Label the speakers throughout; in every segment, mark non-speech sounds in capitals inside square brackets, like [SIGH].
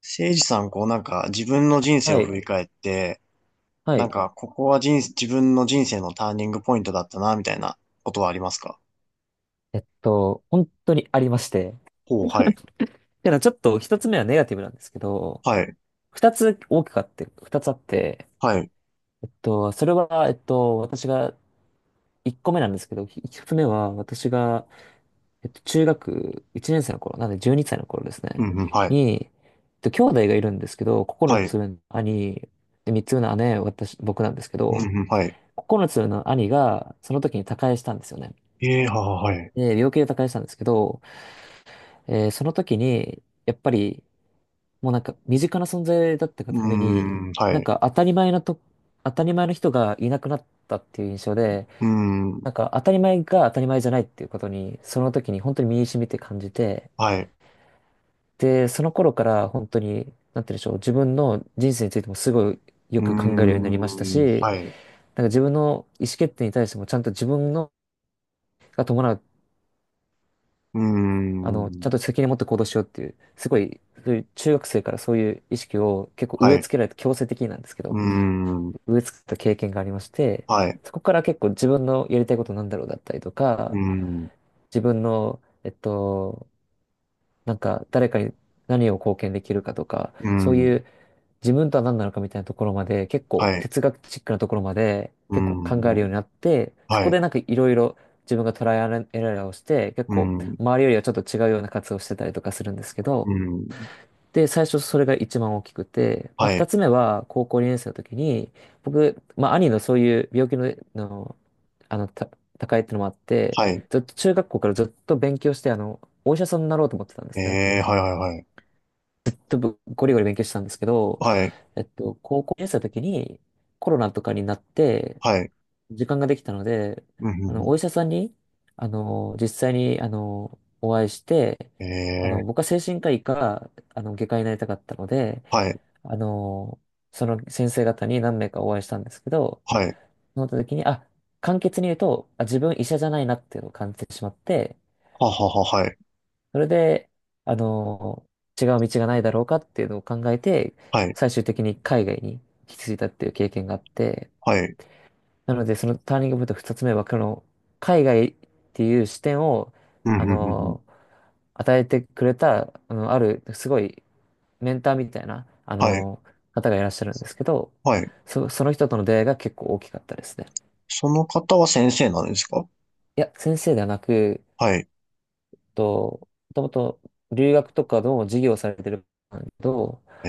Speaker 1: せいじさん、こうなんか自分の人生
Speaker 2: は
Speaker 1: を振
Speaker 2: い。
Speaker 1: り返って、
Speaker 2: は
Speaker 1: なん
Speaker 2: い。
Speaker 1: かここは人生、自分の人生のターニングポイントだったな、みたいなことはありますか？
Speaker 2: 本当にありまして。
Speaker 1: ほう、はい。
Speaker 2: ただちょっと一つ目はネガティブなんですけど、
Speaker 1: はい。
Speaker 2: 二つ大きくあって、二つあって、
Speaker 1: はい。
Speaker 2: それは、私が、一個目なんですけど、一つ目は、私が、中学一年生の頃、なんで12歳の頃です
Speaker 1: う
Speaker 2: ね、
Speaker 1: ん、うん、はい。
Speaker 2: に、兄弟がいるんですけど、9
Speaker 1: はい。
Speaker 2: つ上の兄、で、3つ上の姉、私、僕なんですけ
Speaker 1: うん、
Speaker 2: ど、
Speaker 1: うん、はい。
Speaker 2: 9つ上の兄が、その時に他界したんですよね。
Speaker 1: ええ、はい。
Speaker 2: で、病気で他界したんですけど、その時に、やっぱり、もうなんか身近な存在だったが
Speaker 1: う
Speaker 2: た
Speaker 1: ー
Speaker 2: めに、
Speaker 1: ん、は
Speaker 2: なん
Speaker 1: い。
Speaker 2: か当たり前なと、当たり前の人がいなくなったっていう印象で、
Speaker 1: うーん、
Speaker 2: なんか当たり前が当たり前じゃないっていうことに、その時に本当に身に染みて感じて、
Speaker 1: はい。
Speaker 2: で、その頃から本当に、なんて言うんでしょう、自分の人生についてもすごい
Speaker 1: う
Speaker 2: よ
Speaker 1: ー
Speaker 2: く考えるようになりました
Speaker 1: ん、
Speaker 2: し、
Speaker 1: はい。
Speaker 2: なんか自分の意思決定に対してもちゃんと自分のが伴う
Speaker 1: うー
Speaker 2: あの、ちゃ
Speaker 1: ん、
Speaker 2: んと責任を持って行動しようっていう、すごい、そういう中学生からそういう意識を結構
Speaker 1: は
Speaker 2: 植え
Speaker 1: い。
Speaker 2: 付けられて、強制的になんですけ
Speaker 1: うー
Speaker 2: ど、
Speaker 1: ん、
Speaker 2: 植え付けた経験がありまして、
Speaker 1: はい。
Speaker 2: そこから結構自分のやりたいことなんだろうだったりと
Speaker 1: うー
Speaker 2: か、
Speaker 1: ん、う
Speaker 2: 自分の、なんか誰かに何を貢献できるかとか、
Speaker 1: ー
Speaker 2: そう
Speaker 1: ん、
Speaker 2: いう自分とは何なのかみたいなところまで、結構
Speaker 1: はい。
Speaker 2: 哲学チックなところまで
Speaker 1: うー
Speaker 2: 結構考えるよう
Speaker 1: ん、
Speaker 2: になって、そ
Speaker 1: は
Speaker 2: こ
Speaker 1: い。
Speaker 2: でなんかいろいろ自分がトライアンドエラーをして、結
Speaker 1: うー
Speaker 2: 構
Speaker 1: ん、う
Speaker 2: 周りよりはちょっと違うような活動をしてたりとかするんですけ
Speaker 1: ー
Speaker 2: ど、
Speaker 1: ん、
Speaker 2: で、最初それが一番大きくて、まあ、
Speaker 1: は
Speaker 2: 二
Speaker 1: い。
Speaker 2: つ目は高校2年生の時に、僕、まあ、兄のそういう病気の、の、あの、た、高いっていうのもあって、
Speaker 1: はい。
Speaker 2: ずっと中学校からずっと勉強して、お医者さんになろうと思ってたんですね。
Speaker 1: ええ、はい、はい、はい。
Speaker 2: ゴリゴリ勉強してたんですけど、
Speaker 1: はい、
Speaker 2: 高校生の時にコロナとかになって
Speaker 1: はい、
Speaker 2: 時間ができたので、
Speaker 1: うん、うん、う
Speaker 2: お医者さんに、実際に、お会いして、
Speaker 1: ん。えー、
Speaker 2: 僕は精神科医か、外科医になりたかったので、
Speaker 1: はい、
Speaker 2: あの、その先生方に何名かお会いしたんですけど、
Speaker 1: はい、
Speaker 2: その時に、簡潔に言うと、自分医者じゃないなっていうのを感じてしまって、
Speaker 1: ははは、はい、
Speaker 2: それで、あの、違う道がないだろうかっていうのを考えて、
Speaker 1: はい、
Speaker 2: 最終的に海外に引き継いだっていう経験があって、
Speaker 1: はい、
Speaker 2: なので、そのターニングポイント2つ目は、この海外っていう視点を、
Speaker 1: うん、う
Speaker 2: あ
Speaker 1: ん、うん、うん。
Speaker 2: の、与えてくれた、ある、すごいメンターみたいな、
Speaker 1: はい、
Speaker 2: 方がいらっしゃるんですけど、
Speaker 1: はい。
Speaker 2: その人との出会いが結構大きかったですね。
Speaker 1: その方は先生なんですか？
Speaker 2: いや、先生ではなく、
Speaker 1: はい、
Speaker 2: もともと留学とかの授業をされてるんだけど、
Speaker 1: え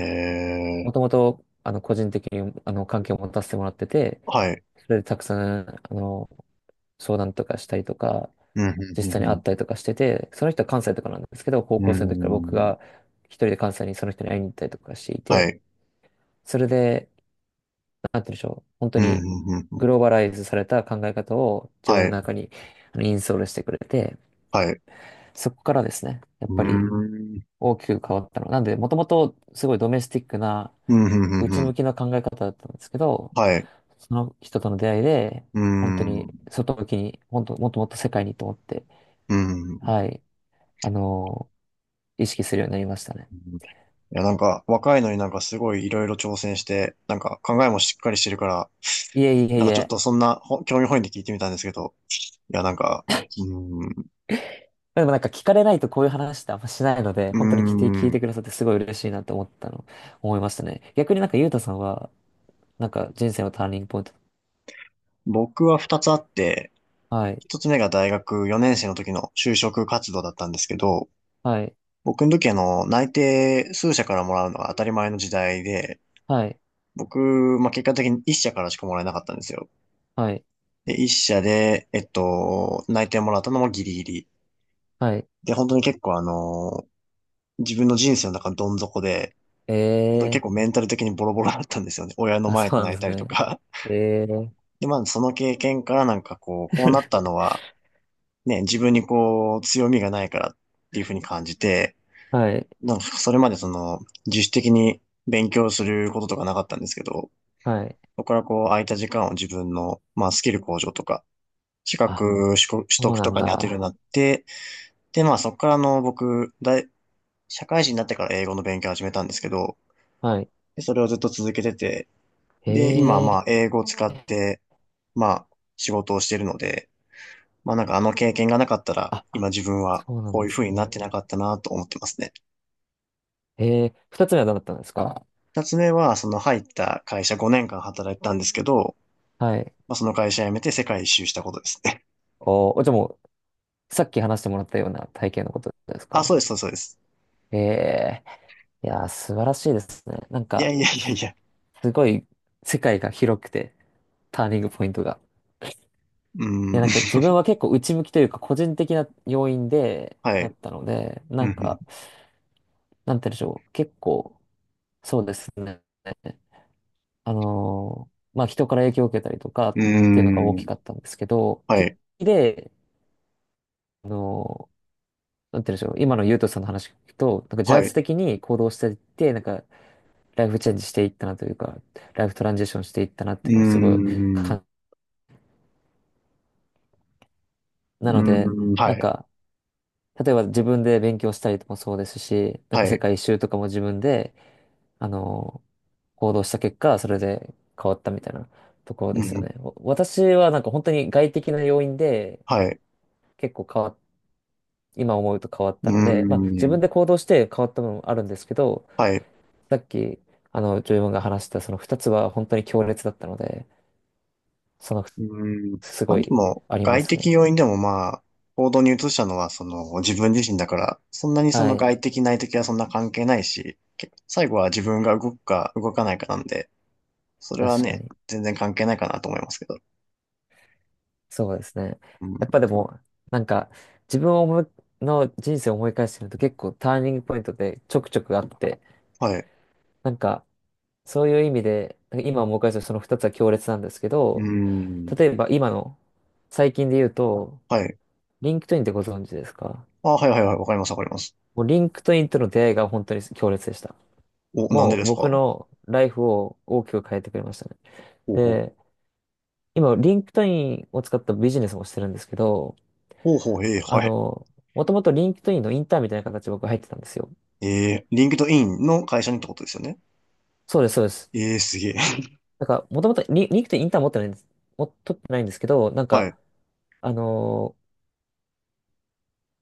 Speaker 2: も
Speaker 1: ー、
Speaker 2: ともと、個人的に、関係を持たせてもらってて、
Speaker 1: はい、
Speaker 2: それでたくさん、相談とかしたりとか、
Speaker 1: うん、
Speaker 2: 実
Speaker 1: う
Speaker 2: 際に会
Speaker 1: ん、
Speaker 2: ったりとかしてて、その人は関西とかなんですけど、高
Speaker 1: うん、
Speaker 2: 校
Speaker 1: うん、う
Speaker 2: 生の時から僕
Speaker 1: ーん、
Speaker 2: が一人で関西にその人に会いに行ったりとかしてい
Speaker 1: は
Speaker 2: て、
Speaker 1: い、
Speaker 2: それで、なんて言うんでしょう、本当
Speaker 1: うん、
Speaker 2: に
Speaker 1: うん、うん、
Speaker 2: グローバライズされた考え方を自分
Speaker 1: は
Speaker 2: の
Speaker 1: い、
Speaker 2: 中にインストールしてくれて、
Speaker 1: はい、う
Speaker 2: そこからですね、や
Speaker 1: ー
Speaker 2: っぱ
Speaker 1: ん、
Speaker 2: り
Speaker 1: うん、
Speaker 2: 大きく変わったの。なんで、もともとすごいドメスティックな
Speaker 1: うん、うん、
Speaker 2: 内
Speaker 1: う
Speaker 2: 向
Speaker 1: ん、
Speaker 2: きな考え方だったんですけど、
Speaker 1: はい、
Speaker 2: その人との出会いで、
Speaker 1: うー
Speaker 2: 本当
Speaker 1: ん、
Speaker 2: に
Speaker 1: うん、
Speaker 2: 外向きに、本当、もっともっと世界にと思って、
Speaker 1: う
Speaker 2: はい、あのー意識するようになりましたね。
Speaker 1: ん。いや、なんか、若いのになんかすごいいろいろ挑戦して、なんか考えもしっかりしてるから、
Speaker 2: いえいえ
Speaker 1: な
Speaker 2: い
Speaker 1: んかちょっ
Speaker 2: え。
Speaker 1: とそんな興味本位で聞いてみたんですけど、いや、なんか、うーん、
Speaker 2: でもなんか聞かれないとこういう話ってあんましないので、
Speaker 1: うー
Speaker 2: 本当に聞いて
Speaker 1: ん、
Speaker 2: くださってすごい嬉しいなって思いましたね。逆になんかゆうたさんは、なんか人生のターニングポイント。
Speaker 1: 僕は二つあって、
Speaker 2: はい、
Speaker 1: 一つ目が大学4年生の時の就職活動だったんですけど、
Speaker 2: はい、
Speaker 1: 僕の時内定数社からもらうのが当たり前の時代で、
Speaker 2: はい、
Speaker 1: 僕、まあ、結果的に一社からしかもらえなかったんですよ。
Speaker 2: はい、
Speaker 1: で、一社で、内定もらったのもギリギリ。
Speaker 2: はい。
Speaker 1: で、本当に結構自分の人生の中のどん底で、本当に結
Speaker 2: ええ
Speaker 1: 構メンタル的にボロボロだったんですよね。親の
Speaker 2: ー、あ、
Speaker 1: 前
Speaker 2: そ
Speaker 1: で
Speaker 2: うなん
Speaker 1: 泣い
Speaker 2: です
Speaker 1: たりと
Speaker 2: ね。
Speaker 1: か。
Speaker 2: ええー、
Speaker 1: [LAUGHS] で、まあその経験からなんかこうなった
Speaker 2: [LAUGHS]
Speaker 1: のは、ね、自分にこう、強みがないからっていうふうに感じて、
Speaker 2: はい、
Speaker 1: なんかそれまで自主的に勉強することとかなかったんですけど、
Speaker 2: はい。
Speaker 1: そこからこう、空いた時間を自分の、まあスキル向上とか、資
Speaker 2: あ、
Speaker 1: 格取
Speaker 2: そう
Speaker 1: 得
Speaker 2: な
Speaker 1: と
Speaker 2: ん
Speaker 1: かに当てるように
Speaker 2: だ。
Speaker 1: なって、で、まあそこから僕、社会人になってから英語の勉強を始めたんですけど、
Speaker 2: はい。
Speaker 1: でそれをずっと続けてて、
Speaker 2: え
Speaker 1: で、今、ま
Speaker 2: え
Speaker 1: あ、英語を使って、まあ、仕事をしてるので、まあ、なんかあの経験がなかったら、
Speaker 2: ー。
Speaker 1: 今自分は
Speaker 2: そうなん
Speaker 1: こう
Speaker 2: で
Speaker 1: いう
Speaker 2: す
Speaker 1: 風になって
Speaker 2: ね。
Speaker 1: なかったなと思ってますね。
Speaker 2: ええ、二つ目はどうだったんですか？
Speaker 1: 二つ目は、その入った会社5年間働いてたんですけど、
Speaker 2: はい。
Speaker 1: まあ、その会社辞めて世界一周したことですね。
Speaker 2: おー、じゃあもう、さっき話してもらったような体験のことです
Speaker 1: [LAUGHS] あ、そ
Speaker 2: か？
Speaker 1: うです、そうですそうです。
Speaker 2: ええ、いやー、素晴らしいですね。なん
Speaker 1: いや
Speaker 2: か、
Speaker 1: いやいやいや。
Speaker 2: すごい、世界が広くて、ターニングポイントが。
Speaker 1: うー
Speaker 2: いや、
Speaker 1: ん、
Speaker 2: なんか
Speaker 1: [LAUGHS]
Speaker 2: 自分は結構内向きというか、個人的な要因で、
Speaker 1: は
Speaker 2: なっ
Speaker 1: い。
Speaker 2: たので、な
Speaker 1: う
Speaker 2: ん
Speaker 1: ん、
Speaker 2: か、なんて言うんでしょう。結構、そうですね。まあ、人から影響を受けたりとかっ
Speaker 1: う
Speaker 2: ていうのが大
Speaker 1: ん、うー
Speaker 2: き
Speaker 1: ん、
Speaker 2: かったんですけど、
Speaker 1: は
Speaker 2: 結
Speaker 1: い。
Speaker 2: 構で、あのーなんて言うんでしょう。今のゆうとさんの話聞くと、なんか自
Speaker 1: はい。
Speaker 2: 発
Speaker 1: う
Speaker 2: 的に行動していって、なんかライフチェンジしていったなというか、ライフトランジションしていったなって
Speaker 1: ー
Speaker 2: いうのをすごい
Speaker 1: ん、う
Speaker 2: 感、な
Speaker 1: ー
Speaker 2: ので、
Speaker 1: ん、は
Speaker 2: なん
Speaker 1: い。
Speaker 2: か、例えば自分で勉強したりともそうですし、なん
Speaker 1: は
Speaker 2: か世
Speaker 1: い。
Speaker 2: 界一周とかも自分で、あの、行動した結果、それで変わったみたいなところで
Speaker 1: う
Speaker 2: すよ
Speaker 1: ん、
Speaker 2: ね。私はなんか本当に外的な要因で
Speaker 1: はい。
Speaker 2: 結構変わっ、今思うと変わっ
Speaker 1: う
Speaker 2: た
Speaker 1: ー
Speaker 2: ので、まあ自
Speaker 1: ん、
Speaker 2: 分で行動して変わった部分もあるんですけど、
Speaker 1: はい。
Speaker 2: さっき、ジョイマンが話したその二つは本当に強烈だったので、その、
Speaker 1: うん。
Speaker 2: す
Speaker 1: ま
Speaker 2: ご
Speaker 1: あで
Speaker 2: い
Speaker 1: も、
Speaker 2: ありま
Speaker 1: 外
Speaker 2: す
Speaker 1: 的
Speaker 2: ね。
Speaker 1: 要因でもまあ、行動に移したのはその自分自身だから、そんなにそ
Speaker 2: は
Speaker 1: の
Speaker 2: い。
Speaker 1: 外的内的はそんな関係ないし、最後は自分が動くか動かないかなんで、それは
Speaker 2: 確か
Speaker 1: ね、
Speaker 2: に。
Speaker 1: 全然関係ないかなと思いますけど。
Speaker 2: そうですね。
Speaker 1: う
Speaker 2: やっ
Speaker 1: ん。
Speaker 2: ぱでも、なんか、自分を思いの人生を思い返してみると結構ターニングポイントでちょくちょくあって、
Speaker 1: はい。
Speaker 2: なんか、そういう意味で、なんか今思い返すとその二つは強烈なんですけ
Speaker 1: う
Speaker 2: ど、
Speaker 1: ん。
Speaker 2: 例えば今の、最近で言うと、
Speaker 1: はい。
Speaker 2: リンクトインってご存知ですか？
Speaker 1: あ、はいはいはい。わかりますわかります。
Speaker 2: もうリンクトインとの出会いが本当に強烈でした。
Speaker 1: お、なん
Speaker 2: も
Speaker 1: でで
Speaker 2: う
Speaker 1: すか？
Speaker 2: 僕
Speaker 1: ほ
Speaker 2: のライフを大きく変えてくれましたね。
Speaker 1: うほう。
Speaker 2: で、今、リンクトインを使ったビジネスもしてるんですけど、
Speaker 1: ほうほう、ええ、
Speaker 2: あ
Speaker 1: はい。
Speaker 2: の、もともとリンクトインのインターンみたいな形で僕入ってたんですよ。
Speaker 1: ええ、リンクドインの会社にってことですよね？
Speaker 2: そうです、そうです。
Speaker 1: ええ、すげえ。
Speaker 2: なんか、もともとリンクトインインターン持ってないんです。取ってないんですけど、なん
Speaker 1: [LAUGHS] は
Speaker 2: か、
Speaker 1: い。
Speaker 2: あの、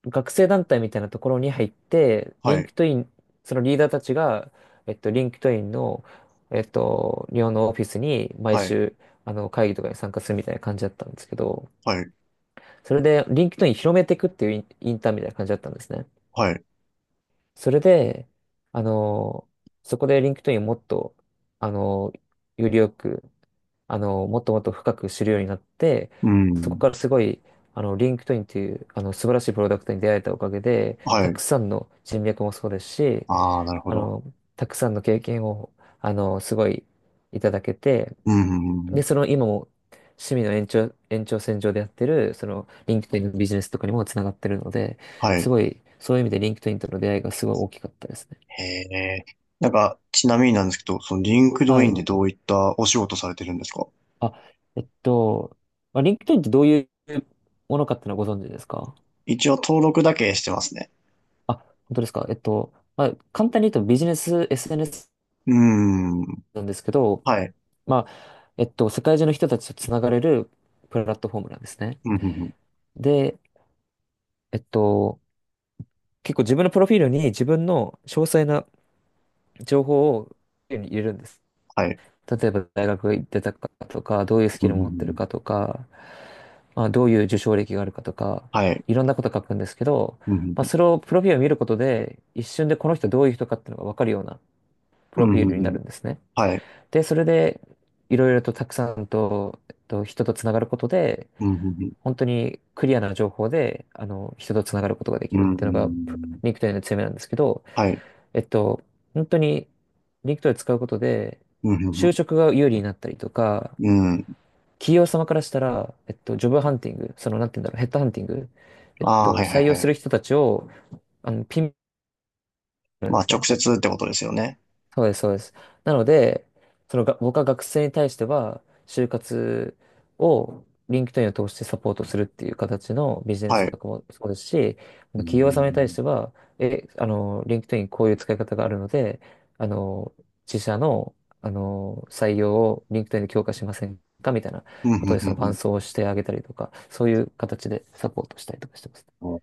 Speaker 2: 学生団体みたいなところに入って、リ
Speaker 1: は
Speaker 2: ン
Speaker 1: い。
Speaker 2: クトイン、そのリーダーたちが、リンクトインの、日本のオフィスに毎
Speaker 1: はい。
Speaker 2: 週、会議とかに参加するみたいな感じだったんですけど、
Speaker 1: はい。
Speaker 2: それで、リンクトイン広めていくっていうインターンみたいな感じだったんですね。
Speaker 1: はい。
Speaker 2: それで、あのーそこでリンクトインをもっと、あのよりよく、もっともっと深く知るようになって、
Speaker 1: う
Speaker 2: そこ
Speaker 1: ん。
Speaker 2: からすごい、リンクトインっていう、素晴らしいプロダクトに出会えたおかげで、た
Speaker 1: はい。
Speaker 2: くさんの人脈もそうですし、
Speaker 1: ああ、なるほ
Speaker 2: あ
Speaker 1: ど。
Speaker 2: の、たくさんの経験を、すごいいただけて、
Speaker 1: うん。
Speaker 2: で、その今も趣味の延長線上でやってる、そのリンクトインのビジネスとかにもつながってるので、
Speaker 1: は
Speaker 2: す
Speaker 1: い。
Speaker 2: ごい、そういう意味でリンクトインとの出会いがすごい大きかったですね。
Speaker 1: へえ。なんか、ちなみになんですけど、そのリンクド
Speaker 2: は
Speaker 1: インで
Speaker 2: い。
Speaker 1: どういったお仕事されてるんですか？
Speaker 2: あ、えっと、まあ、リンクトインってどういうものかっていうのはご存知ですか？
Speaker 1: 一応登録だけしてますね。
Speaker 2: あ、本当ですか？まあ、簡単に言うとビジネス SNS
Speaker 1: うーん。
Speaker 2: なんですけど、
Speaker 1: はい。
Speaker 2: まあ、世界中の人たちとつながれるプラットフォームなんですね。
Speaker 1: うん、うんうん、
Speaker 2: で、えっと、結構自分のプロフィールに自分の詳細な情報を手に入れるんです。
Speaker 1: はい。
Speaker 2: 例えば大学行ってたかとか、どういうス
Speaker 1: う
Speaker 2: キ
Speaker 1: ん、う
Speaker 2: ル
Speaker 1: んう
Speaker 2: 持ってる
Speaker 1: ん、
Speaker 2: かとか、まあ、どういう受賞歴があるかとか、
Speaker 1: はい。
Speaker 2: いろんなこと書くんですけど、
Speaker 1: うん
Speaker 2: ま
Speaker 1: う
Speaker 2: あ、
Speaker 1: ん
Speaker 2: それをプロフィールを見ることで、一瞬でこの人どういう人かっていうのが分かるようなプ
Speaker 1: う
Speaker 2: ロ
Speaker 1: ん、
Speaker 2: フ
Speaker 1: うん
Speaker 2: ィー
Speaker 1: う
Speaker 2: ルに
Speaker 1: んう
Speaker 2: な
Speaker 1: ん、
Speaker 2: るんですね。
Speaker 1: はい。
Speaker 2: で、それで、いろいろとたくさんと、人とつながることで、
Speaker 1: うん、うんうん
Speaker 2: 本当にクリアな情報で、人とつながることがで
Speaker 1: う
Speaker 2: き
Speaker 1: んう
Speaker 2: る
Speaker 1: ん
Speaker 2: って
Speaker 1: う
Speaker 2: いうのが、プ
Speaker 1: ん、
Speaker 2: リンクテイ k の強みなんですけど、
Speaker 1: はい。
Speaker 2: えっと、本当にリンクトイ使うことで、
Speaker 1: うん、う
Speaker 2: 就
Speaker 1: ん
Speaker 2: 職が有利になったりとか、
Speaker 1: うんうん、
Speaker 2: 企業様からしたら、ジョブハンティング、その、なんて言うんだろう、ヘッドハンティング、
Speaker 1: ああはい、はい、
Speaker 2: 採用
Speaker 1: は
Speaker 2: す
Speaker 1: い。
Speaker 2: る人たちを、ピンポイントなん
Speaker 1: ま
Speaker 2: で
Speaker 1: あ、
Speaker 2: す
Speaker 1: 直
Speaker 2: ね、
Speaker 1: 接ってことですよね。
Speaker 2: そうです、そうです。なので、そのが、僕は学生に対しては、就活を LinkedIn を通してサポートするっていう形のビジネス
Speaker 1: はい。
Speaker 2: とかもそうですし、
Speaker 1: うー
Speaker 2: 企業様に対し
Speaker 1: ん。
Speaker 2: ては、え、あの、LinkedIn こういう使い方があるので、あの、自社の、採用を LinkedIn で強化しませんかみたいな
Speaker 1: うん、う
Speaker 2: こと
Speaker 1: ん、
Speaker 2: で、
Speaker 1: う
Speaker 2: その
Speaker 1: んう
Speaker 2: 伴
Speaker 1: ん、
Speaker 2: 走をしてあげたりとか、そういう形でサポートしたりとかしてます。
Speaker 1: お、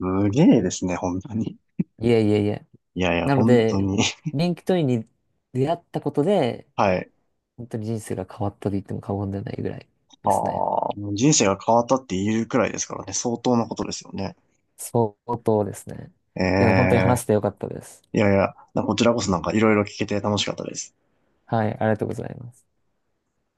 Speaker 1: すげえですね、本当に。
Speaker 2: いえいえいえ。
Speaker 1: いやいや、
Speaker 2: なの
Speaker 1: 本当
Speaker 2: で、
Speaker 1: に。[LAUGHS]
Speaker 2: LinkedIn に出会ったことで、
Speaker 1: はい。
Speaker 2: 本当に人生が変わったと言っても過言ではないぐらい
Speaker 1: あ
Speaker 2: で
Speaker 1: あ、
Speaker 2: すね。
Speaker 1: もう人生が変わったって言えるくらいですからね、相当なことですよね。
Speaker 2: 相当ですね。
Speaker 1: え
Speaker 2: いや、本当に話
Speaker 1: え、
Speaker 2: してよかったです。
Speaker 1: いやいや、こちらこそなんかいろいろ聞けて楽しかったです。
Speaker 2: はい、ありがとうございます。